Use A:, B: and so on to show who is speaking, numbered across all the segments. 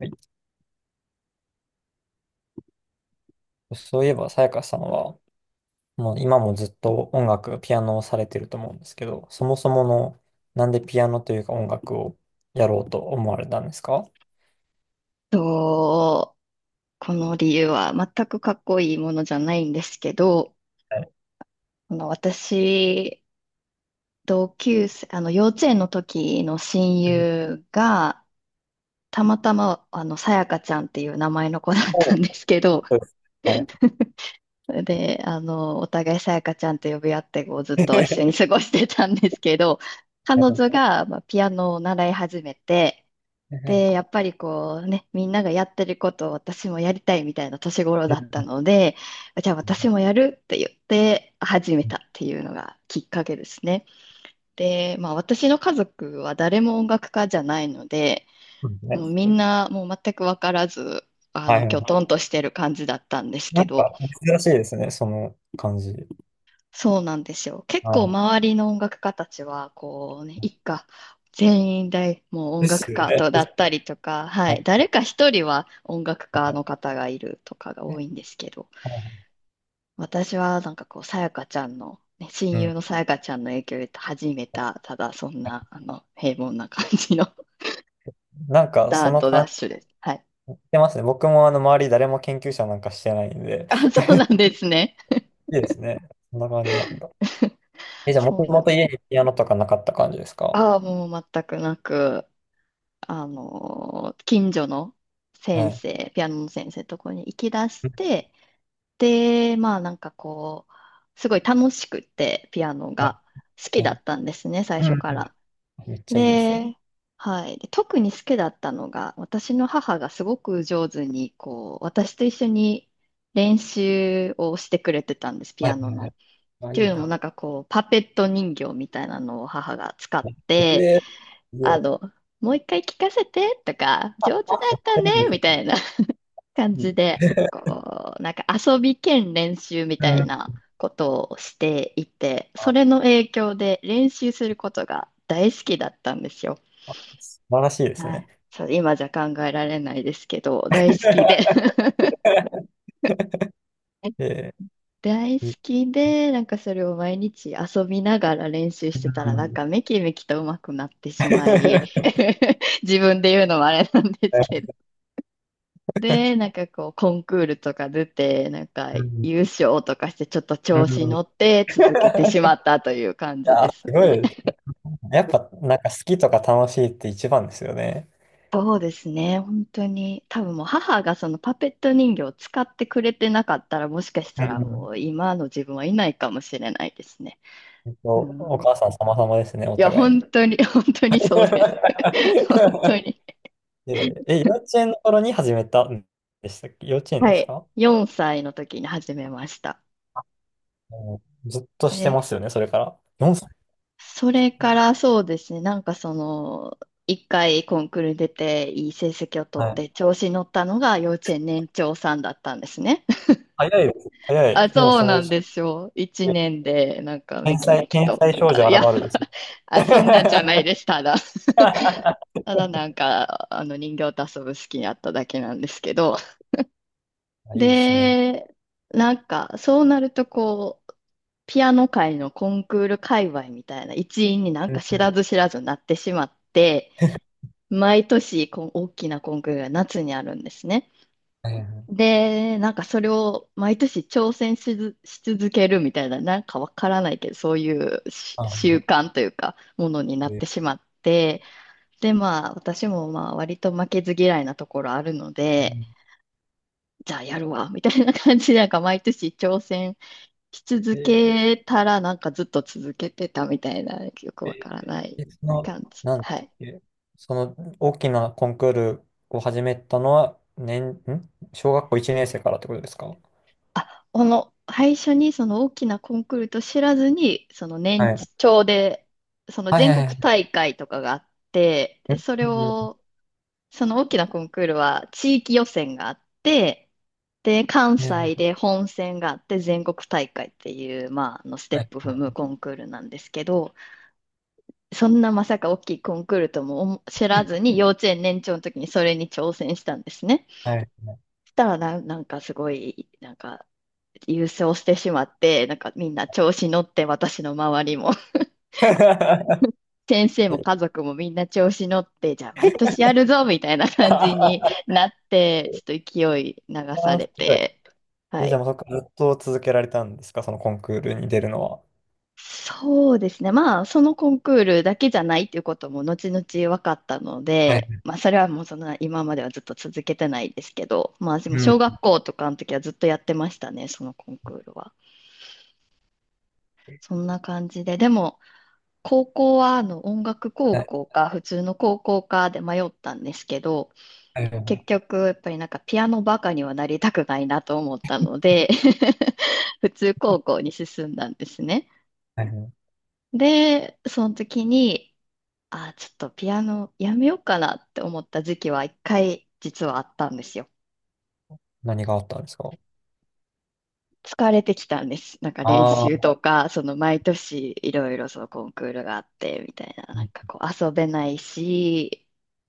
A: はい。そういえば、さやかさんは、もう今もずっと音楽、ピアノをされてると思うんですけど、そもそもの、なんでピアノというか音楽をやろうと思われたんですか？
B: と、この理由は全くかっこいいものじゃないんですけど、
A: はい。
B: 私、同級生、幼稚園の時の親
A: う。
B: 友が、たまたま、さやかちゃんっていう名前の子だったん
A: そ
B: で
A: う。
B: すけど、
A: そうです。はい。
B: で、お互いさやかちゃんと呼び合って、こう、ずっと一緒に 過ごしてたんですけど、彼
A: は
B: 女
A: い。
B: が、まあ、ピアノを習い始めて、
A: はい。
B: で、やっぱりこうね、みんながやってることを私もやりたいみたいな年頃だったので、じゃあ私もやるって言って始めたっていうのがきっかけですね。で、まあ私の家族は誰も音楽家じゃないので、
A: そうです
B: もう
A: ね。
B: みんなもう全く分からず、
A: はいはい
B: きょ
A: はい。
B: とんとしてる感じだったんです
A: な
B: け
A: ん
B: ど、
A: か珍しいですね、その感じ。
B: そうなんですよ。結
A: は
B: 構
A: い。
B: 周りの音楽家たちは、こうね、一家全員大、もう音
A: です
B: 楽
A: よ
B: 家
A: ね。
B: とだったりとか、は
A: は
B: い、
A: い。
B: 誰か一人は音楽家の方がいるとかが多いんですけど、
A: はい。
B: 私はなんかこう、さやかちゃんの、ね、親
A: う
B: 友
A: ん。
B: のさやかちゃんの影響で始めた、ただそんな、平凡な感じの
A: なんかそ
B: ダー
A: の
B: トダ
A: 感
B: ッシュ
A: じ
B: です。はい。
A: してますね。僕もあの周り誰も研究者なんかしてないんで、
B: あ、そうなんですね。
A: いいですね。そんな感じなんだ。え、じゃあ、も
B: そ
A: と
B: うな
A: もと
B: ん
A: 家にピアノとかなかった感じですか？
B: ああ、もう全くなく、近所の
A: はい。
B: ピアノの先生のところに行き出
A: う
B: し
A: ん。
B: て、で、まあなんかこう、すごい楽しくて、ピアノ
A: はい。
B: が好き
A: は
B: だ
A: い。
B: ったんですね、最
A: うん。う
B: 初か
A: ん。
B: ら。
A: めっちゃいいですね。
B: で、はい。で特に好きだったのが、私の母がすごく上手に、こう、私と一緒に練習をしてくれてたんです、ピ
A: はい
B: アノ
A: は
B: の。っ
A: い。あ、
B: て
A: い
B: い
A: い
B: うのも
A: な。
B: なんかこう、パペット人形みたいなのを母が使って、
A: で、いい。
B: あの、もう一回聞かせてとか、上
A: あ、
B: 手だ
A: めっ
B: った
A: ちゃ
B: ね、
A: いいです
B: みた
A: ね。
B: いな 感
A: い
B: じ
A: い。
B: で、こう、なんか遊び兼練習み
A: う
B: たいな
A: ん。
B: ことをしていて、そ
A: あ、
B: れの影響で練習することが大好きだったんですよ。
A: あ素晴らしいです
B: は
A: ね。
B: い。そう、今じゃ考えられないですけど、大好きで
A: え
B: 大好
A: いい。
B: きで、なんかそれを毎日遊びながら練習してた
A: う
B: ら、なん
A: ん。
B: かめきめきと上手くなってしまい、自分で言うのもあれなんですけどで、なんかこう、コンクールとか出て、なんか
A: うん。
B: 優勝とかして、ちょっと
A: う
B: 調子
A: ん。い
B: 乗って続けてしまったという感じ
A: や、
B: です
A: すごい
B: ね。
A: です。やっぱ、なんか好きとか楽しいって一番ですよね。
B: そうですね、本当に。多分もう母がそのパペット人形を使ってくれてなかったら、もしかし
A: う
B: たら
A: ん。
B: もう今の自分はいないかもしれないですね。
A: 本
B: う
A: 当お
B: ん。い
A: 母さん様々ですね、お
B: や、
A: 互い
B: 本
A: に。
B: 当に、本当にそうです。本当に。
A: で幼稚園の頃に始めたんでしたっけ？幼稚園で
B: は
A: す
B: い。
A: か？
B: 4歳の時に始めました。
A: もうずっとして
B: で
A: ますよね、それから。4歳
B: それ
A: みた
B: か
A: いな。
B: らそうですね、なんかその、一回コンクールに出ていい成績を取っ
A: はい。
B: て調子に乗ったのが幼稚園年長さんだったんですね。
A: 早いです。早
B: あ、
A: い。もう
B: そう
A: その
B: な
A: う
B: ん
A: ち、
B: ですよ。一年でなんか
A: 天
B: めき
A: 才、
B: めき
A: 天
B: と。
A: 才少女
B: あいや、
A: 現るですよ。
B: あ、そんなんじゃない です。ただ、
A: あ、
B: なんかあの人形と遊ぶ好きになっただけなんですけど。
A: いいですね。
B: で、なんかそうなるとこう、ピアノ界のコンクール界隈みたいな一員になんか知らず知らずなってしまって、毎年こう大きなコンクールが夏にあるんですね。
A: はいはい。
B: で、なんかそれを毎年挑戦しず、し続けるみたいな、なんかわからないけど、そういうし
A: あ、
B: 習慣というか、ものになっ
A: で、
B: てしまって、で、まあ、私も割と負けず嫌いなところあるので、
A: で
B: じゃあやるわ、みたいな感じで、なんか毎年挑戦し続
A: で
B: けたら、なんかずっと続けてたみたいな、よくわからない
A: でその、
B: 感じで。
A: なんだっ
B: はい。
A: け、その大きなコンクールを始めたのは、小学校1年生からってことですか？
B: あ、この、最初にその大きなコンクールと知らずに、その
A: は
B: 年
A: い。
B: 長で、その
A: はい
B: 全
A: は
B: 国
A: いはい。
B: 大会とかがあって、
A: う
B: で、それ
A: んう
B: を、その大きなコンクールは地域予選があって、で、関
A: んう
B: 西
A: ん。
B: で本戦があって全国大会っていう、まあ、ステ
A: は
B: ッ
A: い。
B: プ踏むコンクールなんですけど、そんなまさか大きいコンクールとも思知らずに幼稚園年長の時にそれに挑戦したんですね。
A: はい。
B: そしたらなんかすごい、なんか優勝してしまって、なんかみんな調子乗って、私の周りも、先生も家族もみんな調子乗って、じゃあ毎年やるぞみたいな感じになって、ちょっと勢い流さ
A: あー、
B: れ
A: すごい。
B: て、は
A: え、じゃ
B: い。
A: あもうそこからずっと続けられたんですか、そのコンクールに出るのは。
B: そうですね。まあ、そのコンクールだけじゃないっていうことも後々分かったの
A: はい。
B: で、まあ、それはもうそんな今まではずっと続けてないですけど、まあ、でも
A: う
B: 小
A: ん。
B: 学校とかの時はずっとやってましたね、そのコンクールは。そんな感じで。でも、高校は音楽高
A: はい。
B: 校か普通の高校かで迷ったんですけど、
A: は
B: 結
A: い。
B: 局やっぱりなんかピアノバカにはなりたくないなと思ったので 普通高校に進んだんですね。
A: はい。
B: で、その時に、ちょっとピアノやめようかなって思った時期は一回実はあったんですよ。
A: 何があったんですか？
B: 疲れてきたんです。なんか練
A: ああ
B: 習
A: ー、
B: とか、その毎年いろいろそのコンクールがあってみたいな、
A: う
B: なん
A: ん
B: かこう遊べないし、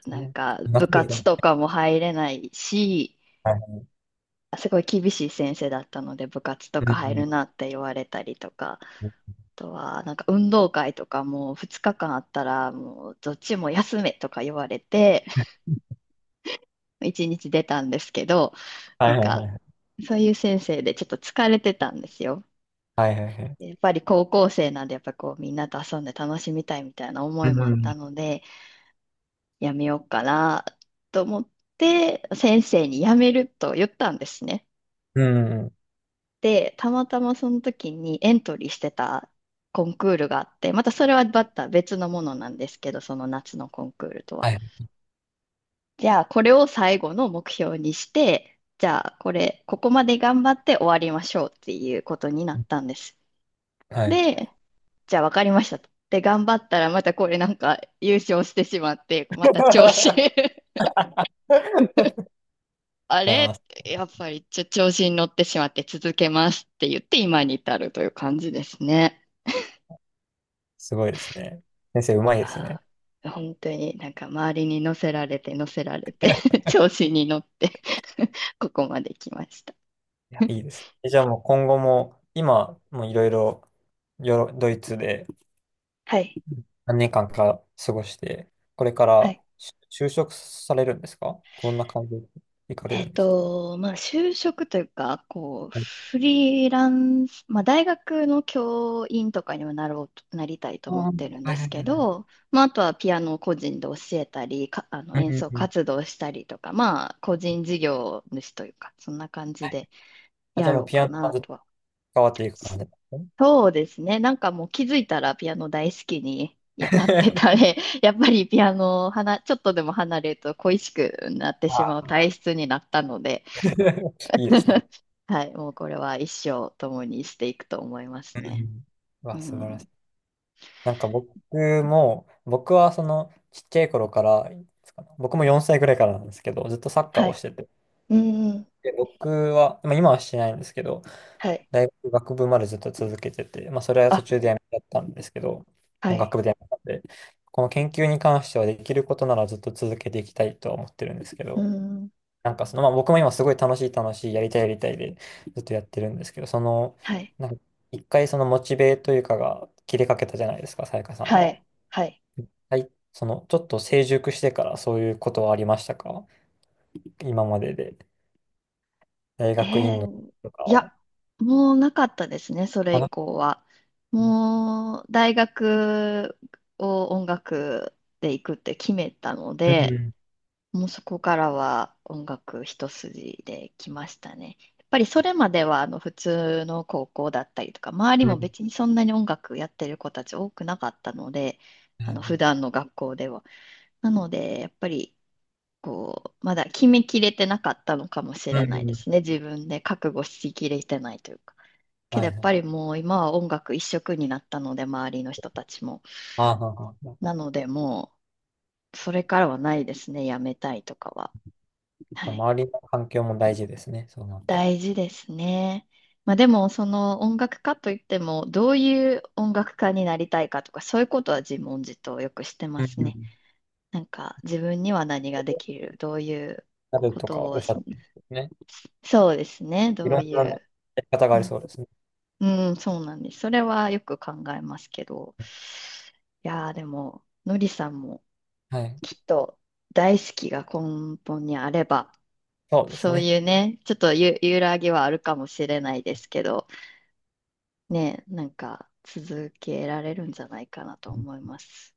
A: す
B: なん
A: ね。
B: か部
A: 夏です
B: 活
A: ね。
B: とかも入れないし、
A: はい。
B: すごい厳しい先生だったので部活と
A: う
B: か入る
A: ん。
B: なって言われたりとか、あとはなんか運動会とかも2日間あったらもうどっちも休めとか言われて、1日出たんですけど、
A: は
B: なん
A: いはいはい
B: か
A: はい。
B: そういう先生でちょっと疲れてたんですよ。
A: はいはいはい。
B: やっぱり高校生なんで、やっぱこうみんなと遊んで楽しみたいみたいな思
A: う
B: いもあった
A: ん。
B: ので、やめようかなと思って、先生にやめると言ったんですね。
A: うん。
B: で、たまたまその時にエントリーしてたコンクールがあって、またそれはまた別のものなんですけど、その夏のコンクールと
A: は
B: は。
A: い。
B: じゃあ、これを最後の目標にして、じゃあ、これ、ここまで頑張って終わりましょうっていうことにな
A: う
B: っ
A: ん。
B: たんです。
A: はいはい。
B: で、じゃあ分かりましたと。で、頑張ったらまたこれなんか優勝してしまって、また調子 あ
A: いや
B: れ
A: ー、
B: やっぱり調子に乗ってしまって続けますって言って今に至るという感じですね。
A: すごいですね。先生、う
B: い
A: まいですね。
B: やー、本当になんか周りに乗せられて 調子に乗って ここまで来ました。
A: いや、いいです。え、じゃあもう今後も、今、もういろいろ、よろ、ドイツで、
B: はい。
A: 何年間か過ごして、これか
B: は
A: ら
B: い
A: し就職されるんですか？どんな感じで行かれるんですか？
B: まあ、就職というか、こう、
A: え、
B: フリーランス、まあ、大学の教員とかにもなろうと、なりたいと
A: あ
B: 思
A: あ、
B: っ
A: はい。
B: てるん
A: は
B: です
A: い
B: け
A: はいはい。
B: ど、まあ、あとはピアノを個人で教えたり、か、
A: うん
B: 演
A: う
B: 奏
A: んうん。
B: 活動したりとか、まあ、個人事業主というか、そんな感じ
A: はい。
B: で
A: あ、じ
B: や
A: ゃあも
B: ろ
A: う
B: う
A: ピ
B: か
A: アノは
B: な
A: ずっと
B: とは。
A: 変わっていく感じなんです
B: そうですね。なんかもう気づいたらピアノ大好きにいやなって
A: ね。
B: たね。やっぱりピアノをはな、ちょっとでも離れると恋しくなってし まう
A: あ。
B: 体質になったので、
A: いいですね。
B: はい、もうこれは一生共にしていくと思います
A: う
B: ね。
A: ん。う
B: う
A: わ、素晴らし
B: ん。
A: い。なんか僕も、僕はそのちっちゃい頃から、いつかな、僕も4歳ぐらいからなんですけど、ずっとサッカー
B: は
A: を
B: い。
A: してて。
B: うん、
A: で、僕は、まあ、今はしてないんですけど、
B: はい。
A: 大学学部までずっと続けてて、まあ、それは途
B: あ、
A: 中でやめちゃったんですけど、
B: は
A: もう
B: い。
A: 学部でやめたんで、この研究に関してはできることならずっと続けていきたいとは思ってるんですけ
B: う
A: ど、
B: ん、
A: なんかその、まあ、僕も今すごい楽しい楽しい、やりたいやりたいでずっとやってるんですけど、その、
B: はい。
A: なんか一回そのモチベというかが切れかけたじゃないですか、さやかさん
B: は
A: は。
B: い。はい。
A: はい、その、ちょっと成熟してからそういうことはありましたか、今までで。大
B: え
A: 学院の時
B: ー、
A: とか
B: い
A: は。
B: や、もうなかったですね、それ
A: あ
B: 以
A: の、
B: 降は。もう大学を音楽で行くって決めたの
A: う
B: で、
A: ん。
B: もうそこからは音楽一筋で来ましたね。やっぱりそれまでは普通の高校だったりとか、周り
A: う
B: も
A: ん。
B: 別にそんなに音楽やってる子たち多くなかったので、あの普段の学校では。なので、やっぱりこう、まだ決めきれてなかったのかもし
A: う
B: れ
A: ん。
B: ないで
A: う
B: すね。
A: ん。
B: 自分で覚悟しきれてないというか。けど
A: はい
B: やっ
A: は
B: ぱ
A: い。
B: りもう今は音楽一色になったので、周りの人たちも。
A: ああ、はあはあ。や
B: なのでもう、それからはないですね、やめたいとかは。
A: っぱ
B: はい
A: 周りの環境も大事ですね。そうなったら。
B: 大事ですね。まあでも、その音楽家といっても、どういう音楽家になりたいかとか、そういうことは自問自答よくしてま
A: うん。
B: す
A: う
B: ね。
A: ん
B: なんか、自分には何ができる、どういう
A: なる
B: こ
A: とか
B: と
A: お
B: を
A: っし
B: し、
A: ゃってますね。
B: そうですね、
A: い
B: ど
A: ろ
B: う
A: ん
B: い
A: なや
B: う。
A: り方があ
B: う
A: り
B: ん、
A: そうですね。
B: うんそうなんです。それはよく考えますけど。いやー、でも、のりさんも
A: はい。
B: きっと大好きが根本にあれば、
A: そうです
B: そう
A: ね。
B: いうね、ちょっと揺らぎはあるかもしれないですけど、ね、なんか続けられるんじゃないかなと
A: うん。
B: 思います。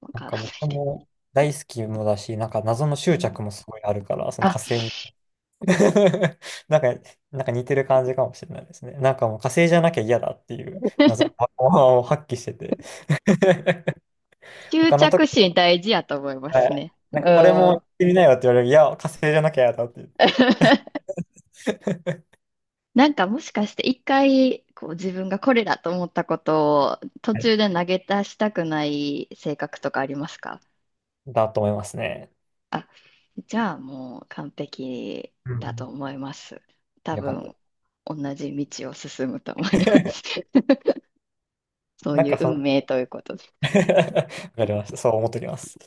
B: わ
A: なん
B: から
A: か
B: ない
A: 僕
B: で。
A: も大好きもだし、なんか謎の
B: う
A: 執
B: ん、
A: 着もすごいあるから、その
B: あ、
A: 火星に。なんか、なんか似てる感じかもしれないですね。なんかもう火星じゃなきゃ嫌だっていう謎のパワーを発揮してて。
B: 執
A: 他のと
B: 着
A: こ、
B: 心大事やと思いま
A: は
B: す
A: い、
B: ね。
A: な
B: う
A: んかこれも行っ
B: ん。
A: てみなよって言われる。いや、火星じゃなきゃ嫌だって言って。
B: なんかもしかして一回こう自分がこれだと思ったことを途中で投げ出したくない性格とかありますか？
A: だと思いますね。
B: あ、じゃあもう完璧
A: う
B: だと
A: ん。
B: 思います。多
A: よかった。
B: 分同じ道を進むと思いま す。そう
A: なん
B: いう
A: かそ
B: 運
A: の。
B: 命ということで。
A: わかりました。そう思っておきます。